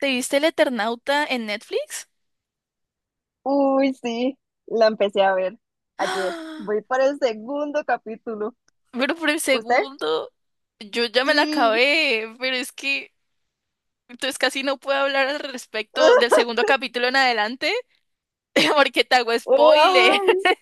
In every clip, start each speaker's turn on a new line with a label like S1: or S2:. S1: ¿Te viste El Eternauta en Netflix?
S2: Uy, sí, la empecé a ver ayer.
S1: ¡Ah!
S2: Voy para el segundo capítulo.
S1: Pero por el
S2: ¿Usted?
S1: segundo, yo ya me la
S2: Sí.
S1: acabé, pero es que entonces casi no puedo hablar al respecto del segundo capítulo en adelante porque te hago spoiler,
S2: Ay.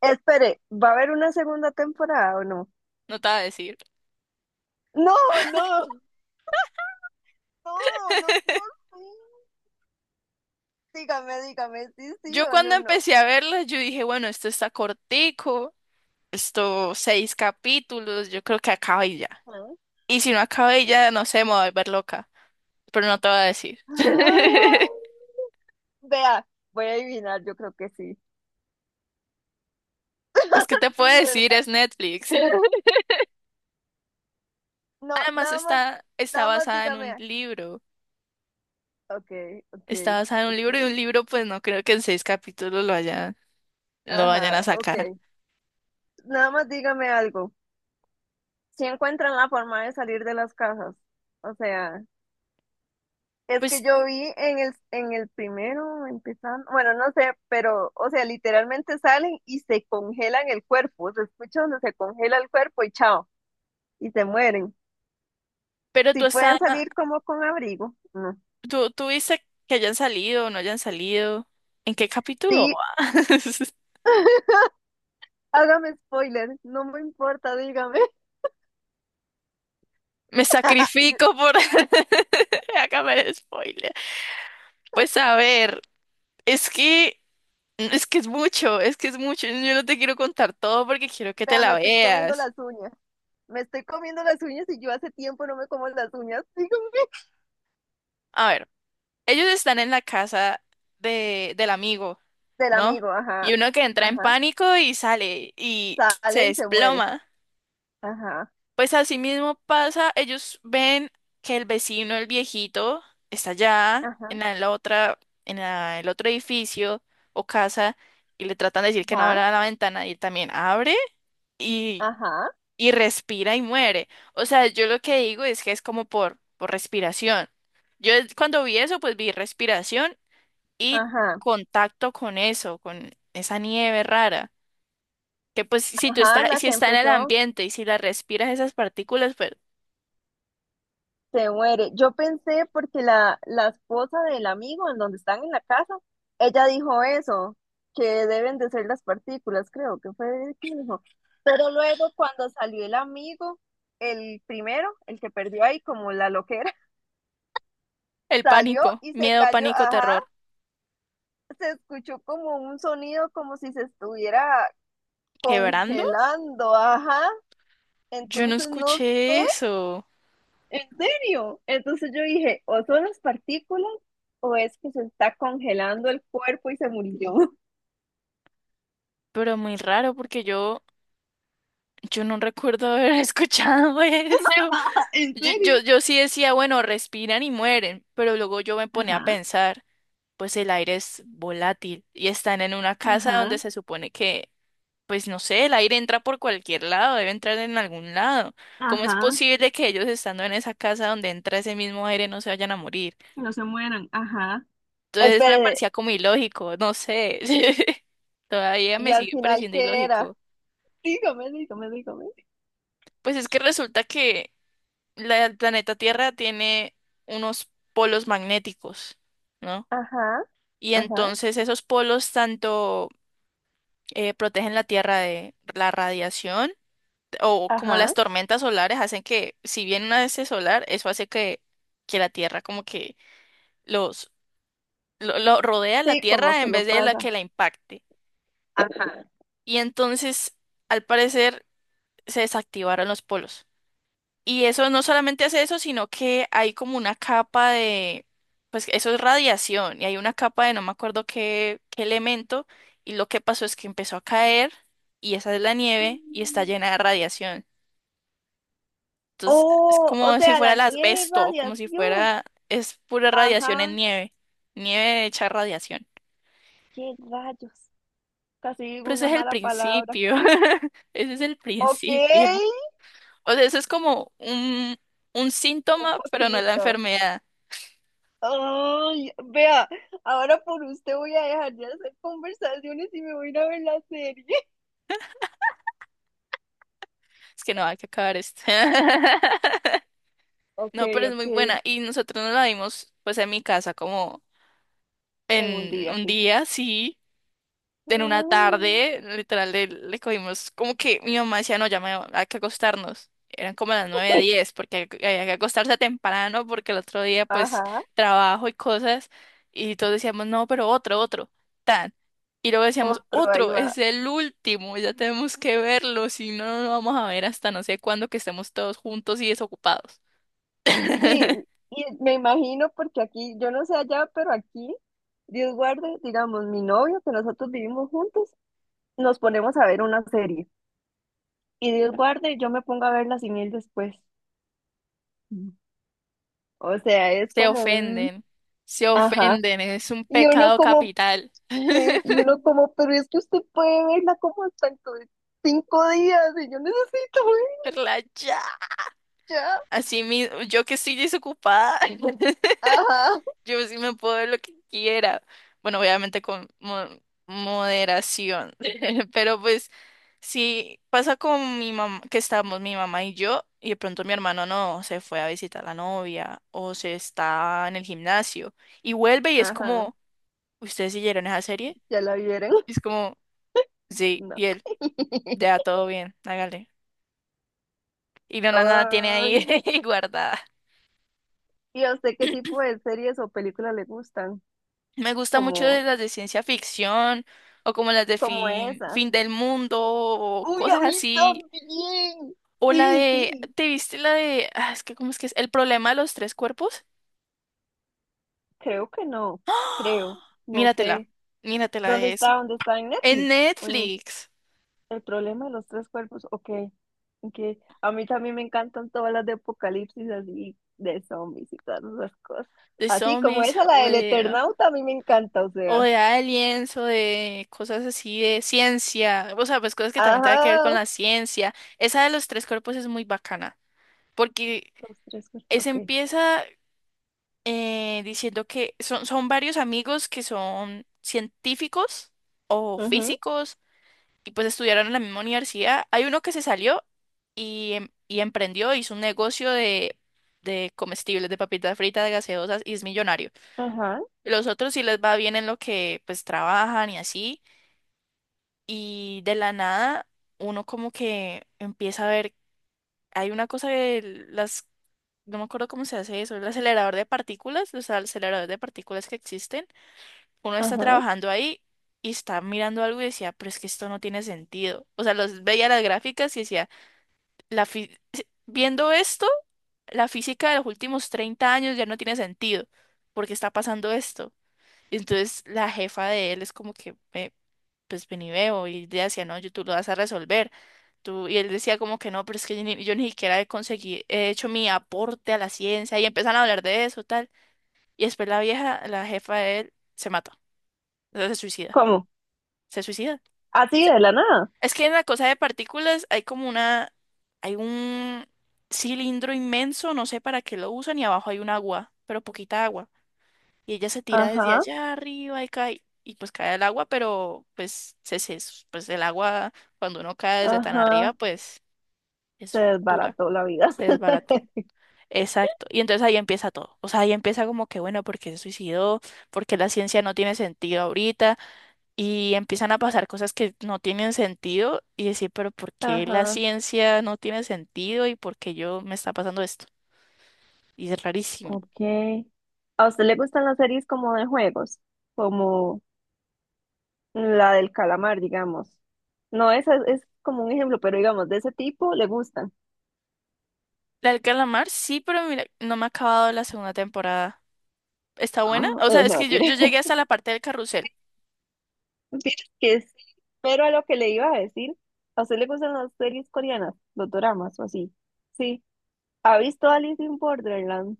S2: Espere, ¿va a haber una segunda temporada o no?
S1: no te voy a decir.
S2: No, no, no, no, no, sí. Dígame, dígame, sí, sí
S1: Yo
S2: o
S1: cuando
S2: no, no.
S1: empecé a verla, yo dije, bueno, esto está cortico, esto seis capítulos, yo creo que acaba y ya.
S2: ¿Ah?
S1: Y si no acaba y ya, no sé, me voy a volver loca, pero no te voy a decir.
S2: Ah. Vea, voy a adivinar, yo creo que sí.
S1: Pues, ¿qué te puedo
S2: Sí, ¿verdad?
S1: decir? Es Netflix.
S2: No,
S1: Además
S2: nada más,
S1: está
S2: nada más
S1: basada en un
S2: dígame.
S1: libro.
S2: Ok, ok,
S1: Está basada en un
S2: ok.
S1: libro y un libro, pues no creo que en seis capítulos lo vayan
S2: Ajá,
S1: a
S2: ok.
S1: sacar.
S2: Nada más dígame algo. Si encuentran la forma de salir de las casas. O sea, es que
S1: Pues,
S2: yo vi en el primero, empezando, bueno, no sé, pero, o sea, literalmente salen y se congelan el cuerpo. Se escucha donde se congela el cuerpo y chao, y se mueren.
S1: pero
S2: Si pueden salir como con abrigo, no.
S1: tú viste que hayan salido o no hayan salido. ¿En qué capítulo
S2: Sí,
S1: vas?
S2: hágame spoiler, no me importa, dígame.
S1: Me sacrifico por acabar el spoiler. Pues a ver, es que es que es mucho, es que es mucho. Yo no te quiero contar todo porque quiero que te
S2: Vea, me
S1: la
S2: estoy comiendo
S1: veas.
S2: las uñas. Me estoy comiendo las uñas y yo hace tiempo no me como las uñas.
S1: A ver, ellos están en la casa del amigo.
S2: Del
S1: ¿No?
S2: amigo, ajá,
S1: Y uno que entra en
S2: ajá,
S1: pánico y sale y se
S2: sale y se muere,
S1: desploma.
S2: ajá,
S1: Pues así mismo pasa, ellos ven que el vecino, el viejito, está allá
S2: ajá,
S1: en la otra, el otro edificio o casa, y le tratan de decir que no
S2: ajá,
S1: abra la ventana y él también abre y,
S2: ajá,
S1: y respira y muere. O sea, yo lo que digo es que es como por respiración. Cuando vi eso, pues vi respiración y
S2: ajá,
S1: contacto con eso, con esa nieve rara. Que pues
S2: ajá, la
S1: si
S2: que
S1: está en el
S2: empezó
S1: ambiente y si la respiras esas partículas, pues
S2: se muere. Yo pensé porque la esposa del amigo en donde están en la casa, ella dijo eso, que deben de ser las partículas, creo que fue que dijo. Pero luego cuando salió el amigo, el primero, el que perdió ahí como la loquera,
S1: el
S2: salió
S1: pánico,
S2: y se
S1: miedo,
S2: cayó,
S1: pánico,
S2: ajá,
S1: terror.
S2: se escuchó como un sonido como si se estuviera
S1: ¿Quebrando?
S2: congelando, ajá.
S1: Yo no
S2: Entonces no,
S1: escuché eso,
S2: en serio. Entonces yo dije, o son las partículas o es que se está congelando el cuerpo y se murió.
S1: pero muy raro porque yo no recuerdo haber escuchado eso.
S2: ¿En
S1: Yo, yo,
S2: serio?
S1: yo sí decía, bueno, respiran y mueren, pero luego yo me ponía a
S2: Ajá,
S1: pensar, pues el aire es volátil y están en una casa donde
S2: ajá,
S1: se supone que. Pues no sé, el aire entra por cualquier lado, debe entrar en algún lado. ¿Cómo es
S2: ajá,
S1: posible que ellos estando en esa casa donde entra ese mismo aire no se vayan a morir?
S2: que no se mueran, ajá.
S1: Entonces eso me
S2: Espérese,
S1: parecía como ilógico, no sé. Todavía
S2: ¿y
S1: me
S2: al
S1: sigue
S2: final
S1: pareciendo
S2: qué era?
S1: ilógico.
S2: Dígame, dígame, dígame.
S1: Pues es que resulta que el planeta Tierra tiene unos polos magnéticos, ¿no?
S2: Ajá,
S1: Y
S2: ajá,
S1: entonces esos polos tanto protegen la Tierra de la radiación, o como las
S2: ajá.
S1: tormentas solares hacen que, si viene una de ese solar, eso hace que la Tierra como que los lo rodea la
S2: Sí, como
S1: Tierra
S2: que
S1: en
S2: lo
S1: vez de la
S2: pasa.
S1: que la impacte.
S2: Ajá.
S1: Y entonces, al parecer, se desactivaron los polos. Y eso no solamente hace eso, sino que hay como una capa de, pues eso es radiación, y hay una capa de no me acuerdo qué elemento, y lo que pasó es que empezó a caer, y esa es la nieve, y está
S2: Mm.
S1: llena de radiación. Entonces, es
S2: Oh, o
S1: como si
S2: sea,
S1: fuera
S2: la
S1: el
S2: nieve es
S1: asbesto, como si
S2: radiación.
S1: fuera, es pura radiación en
S2: Ajá,
S1: nieve, nieve hecha radiación.
S2: qué rayos. Casi digo
S1: Pero ese
S2: una
S1: es el
S2: mala palabra.
S1: principio, ese es el
S2: Ok,
S1: principio. O sea, eso es como un
S2: un
S1: síntoma, pero no es la
S2: poquito.
S1: enfermedad.
S2: Ay, vea, ahora por usted voy a dejar de hacer conversaciones y me voy a ir a ver la serie.
S1: Es que no hay que acabar esto.
S2: Ok,
S1: No, pero es muy
S2: ok,
S1: buena. Y nosotros nos la dimos, pues, en mi casa, como
S2: en un
S1: en
S2: día,
S1: un
S2: fijo.
S1: día, sí. En una
S2: Ah.
S1: tarde, literal, le cogimos como que mi mamá decía, no, ya me, hay que acostarnos. Eran como las 9, 10, porque hay que había que acostarse temprano, porque el otro día, pues,
S2: Ajá,
S1: trabajo y cosas. Y todos decíamos, no, pero otro, otro, tan. Y luego decíamos,
S2: otro, ahí
S1: otro,
S2: va.
S1: es el último, ya tenemos que verlo, si no, no lo vamos a ver hasta no sé cuándo que estemos todos juntos y desocupados.
S2: Sí, y me imagino porque aquí, yo no sé allá, pero aquí, Dios guarde, digamos, mi novio, que nosotros vivimos juntos, nos ponemos a ver una serie. Y Dios guarde, yo me pongo a verla sin él después. O sea, es
S1: Se
S2: como un,
S1: ofenden, se
S2: ajá.
S1: ofenden, es un
S2: Y uno
S1: pecado
S2: como,
S1: capital.
S2: y uno como, pero es que usted puede verla como hasta dentro de 5 días y yo necesito ver
S1: Relájate.
S2: ya.
S1: Así mismo, yo que estoy desocupada,
S2: Ajá,
S1: yo sí me puedo ver lo que quiera. Bueno, obviamente con moderación, pero pues sí pasa con mi mamá, que estamos mi mamá y yo, y de pronto mi hermano no, se fue a visitar a la novia o se está en el gimnasio y vuelve y es
S2: ajá,
S1: como, ¿ustedes siguieron esa serie?
S2: ya la vieron.
S1: Y es como, sí,
S2: No.
S1: y él, ya todo bien, hágale. Y no la nada tiene
S2: Ay,
S1: ahí guardada.
S2: ¿y a usted qué tipo de series o películas le gustan?
S1: Me gusta mucho de
S2: Como,
S1: las de ciencia ficción o como las de
S2: como
S1: fin,
S2: esas.
S1: fin del mundo o
S2: Uy,
S1: cosas
S2: a mí
S1: así.
S2: también.
S1: O la
S2: Sí,
S1: de,
S2: sí.
S1: ¿te viste la de, ah, es que cómo es que es? El problema de los tres cuerpos.
S2: Creo que no.
S1: ¡Ah!
S2: Creo. No
S1: Míratela,
S2: sé.
S1: míratela
S2: ¿Dónde
S1: de eso.
S2: está? ¿Dónde está? ¿En
S1: En
S2: Netflix?
S1: Netflix,
S2: El problema de los tres cuerpos, ok. Ok. A mí también me encantan todas las de apocalipsis así, de zombies y todas esas cosas.
S1: de
S2: Así como
S1: zombies
S2: esa, la
S1: o
S2: del
S1: de,
S2: Eternauta, a mí me encanta, o
S1: o
S2: sea.
S1: de aliens o de cosas así de ciencia. O sea, pues cosas que también tienen que ver con
S2: Ajá.
S1: la ciencia. Esa de los tres cuerpos es muy bacana porque
S2: Los tres cuerpos,
S1: esa
S2: ok.
S1: empieza, diciendo que son varios amigos que son científicos o
S2: Ujú,
S1: físicos y pues estudiaron en la misma universidad. Hay uno que se salió y emprendió, hizo un negocio de comestibles, de papitas fritas, de gaseosas, y es millonario.
S2: ajá,
S1: Y los otros sí les va bien en lo que pues trabajan y así. Y de la nada uno como que empieza a ver, hay una cosa de las... No me acuerdo cómo se hace eso, el acelerador de partículas, los aceleradores de partículas que existen, uno está
S2: ajá.
S1: trabajando ahí y está mirando algo y decía, pero es que esto no tiene sentido. O sea, los veía las gráficas y decía, la fi- viendo esto, la física de los últimos 30 años ya no tiene sentido. Porque está pasando esto? Y entonces la jefa de él es como que, "Ve, pues ven y veo", y ella decía, no, tú lo vas a resolver. Tú, y él decía como que no, pero es que yo ni siquiera he conseguido, he hecho mi aporte a la ciencia, y empiezan a hablar de eso, tal. Y después la vieja, la jefa de él, se mata, o sea, se suicida
S2: ¿Cómo?
S1: se suicida.
S2: Así
S1: Se-
S2: de la nada.
S1: Es que en la cosa de partículas hay como una, hay un cilindro inmenso, no sé para qué lo usan, y abajo hay un agua, pero poquita agua. Y ella se tira desde
S2: Ajá,
S1: allá arriba y cae, y pues cae al agua, pero pues, pues el agua, cuando uno cae desde tan
S2: ajá.
S1: arriba, pues
S2: Se
S1: es dura,
S2: desbarató la vida.
S1: se desbarata. Exacto. Y entonces ahí empieza todo. O sea, ahí empieza como que, bueno, porque se suicidó? Porque la ciencia no tiene sentido ahorita? Y empiezan a pasar cosas que no tienen sentido y decir, pero ¿por qué la
S2: Ajá,
S1: ciencia no tiene sentido y por qué yo me está pasando esto? Y es rarísimo.
S2: ok. ¿A usted le gustan las series como de juegos? Como La del calamar, digamos. No, esa es como un ejemplo, pero digamos, de ese tipo le gustan.
S1: La del calamar, sí, pero mira, no me ha acabado la segunda temporada. ¿Está buena?
S2: Ah,
S1: O sea, es
S2: no,
S1: que yo
S2: tiene.
S1: llegué hasta la parte del carrusel.
S2: Que sí. Pero a lo que le iba a decir, ¿a usted le gustan las series coreanas, los doramas o así? Sí. ¿Ha visto Alice in Borderland?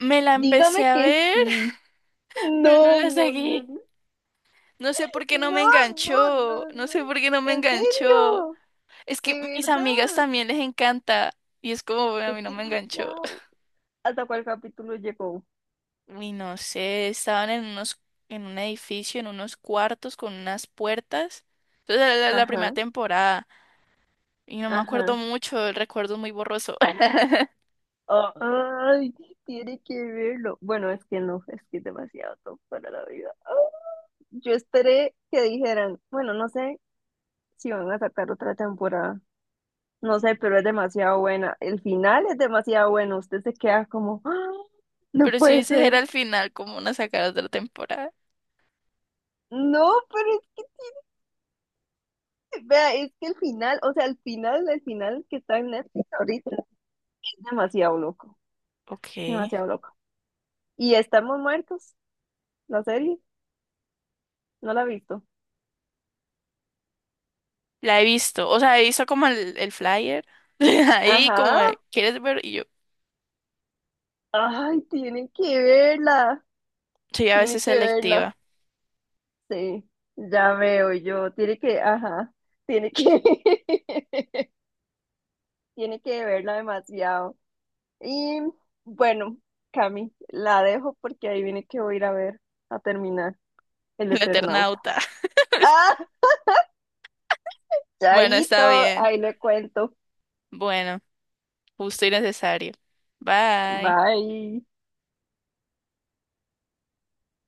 S1: Me la empecé
S2: Dígame
S1: a
S2: que
S1: ver,
S2: sí.
S1: pero no
S2: No,
S1: la
S2: no, no,
S1: seguí.
S2: no,
S1: No sé por qué no me
S2: no, no,
S1: enganchó.
S2: no.
S1: No
S2: No.
S1: sé por qué no me
S2: ¿En
S1: enganchó.
S2: serio?
S1: Es que
S2: ¿De
S1: mis amigas
S2: verdad?
S1: también les encanta. Y es como, bueno, a
S2: Es
S1: mí no me enganchó.
S2: demasiado. ¿Hasta cuál capítulo llegó?
S1: Uy, no sé, estaban en unos, en un edificio, en unos cuartos con unas puertas. Entonces era la primera
S2: Ajá,
S1: temporada. Y no me acuerdo
S2: ajá.
S1: mucho, el recuerdo es muy borroso.
S2: Ay, tiene que verlo. Bueno, es que no, es que es demasiado top para la vida. Ah, yo esperé que dijeran, bueno, no sé si van a sacar otra temporada. No sé, pero es demasiado buena. El final es demasiado bueno. Usted se queda como, "Ah, no
S1: Pero sí,
S2: puede
S1: ese era
S2: ser".
S1: el final, como una sacada de la temporada.
S2: No, pero es que, vea, es que el final, o sea, el final que está en Netflix ahorita es demasiado loco,
S1: Ok.
S2: demasiado loco. Y estamos muertos, la serie, no la he visto.
S1: La he visto. O sea, he visto como el flyer. Ahí
S2: Ajá,
S1: como de, ¿quieres ver? Y yo
S2: ay, tiene que verla,
S1: soy a
S2: tiene
S1: veces
S2: que verla.
S1: selectiva.
S2: Sí, ya veo yo, tiene que, ajá, tiene que, tiene que verla demasiado. Y bueno, Cami, la dejo porque ahí viene que voy a ir a ver, a terminar El
S1: El
S2: Eternauta.
S1: Eternauta.
S2: ¡Ah!
S1: Bueno, está
S2: Chaito,
S1: bien.
S2: ahí le cuento.
S1: Bueno, justo y necesario. Bye.
S2: Bye.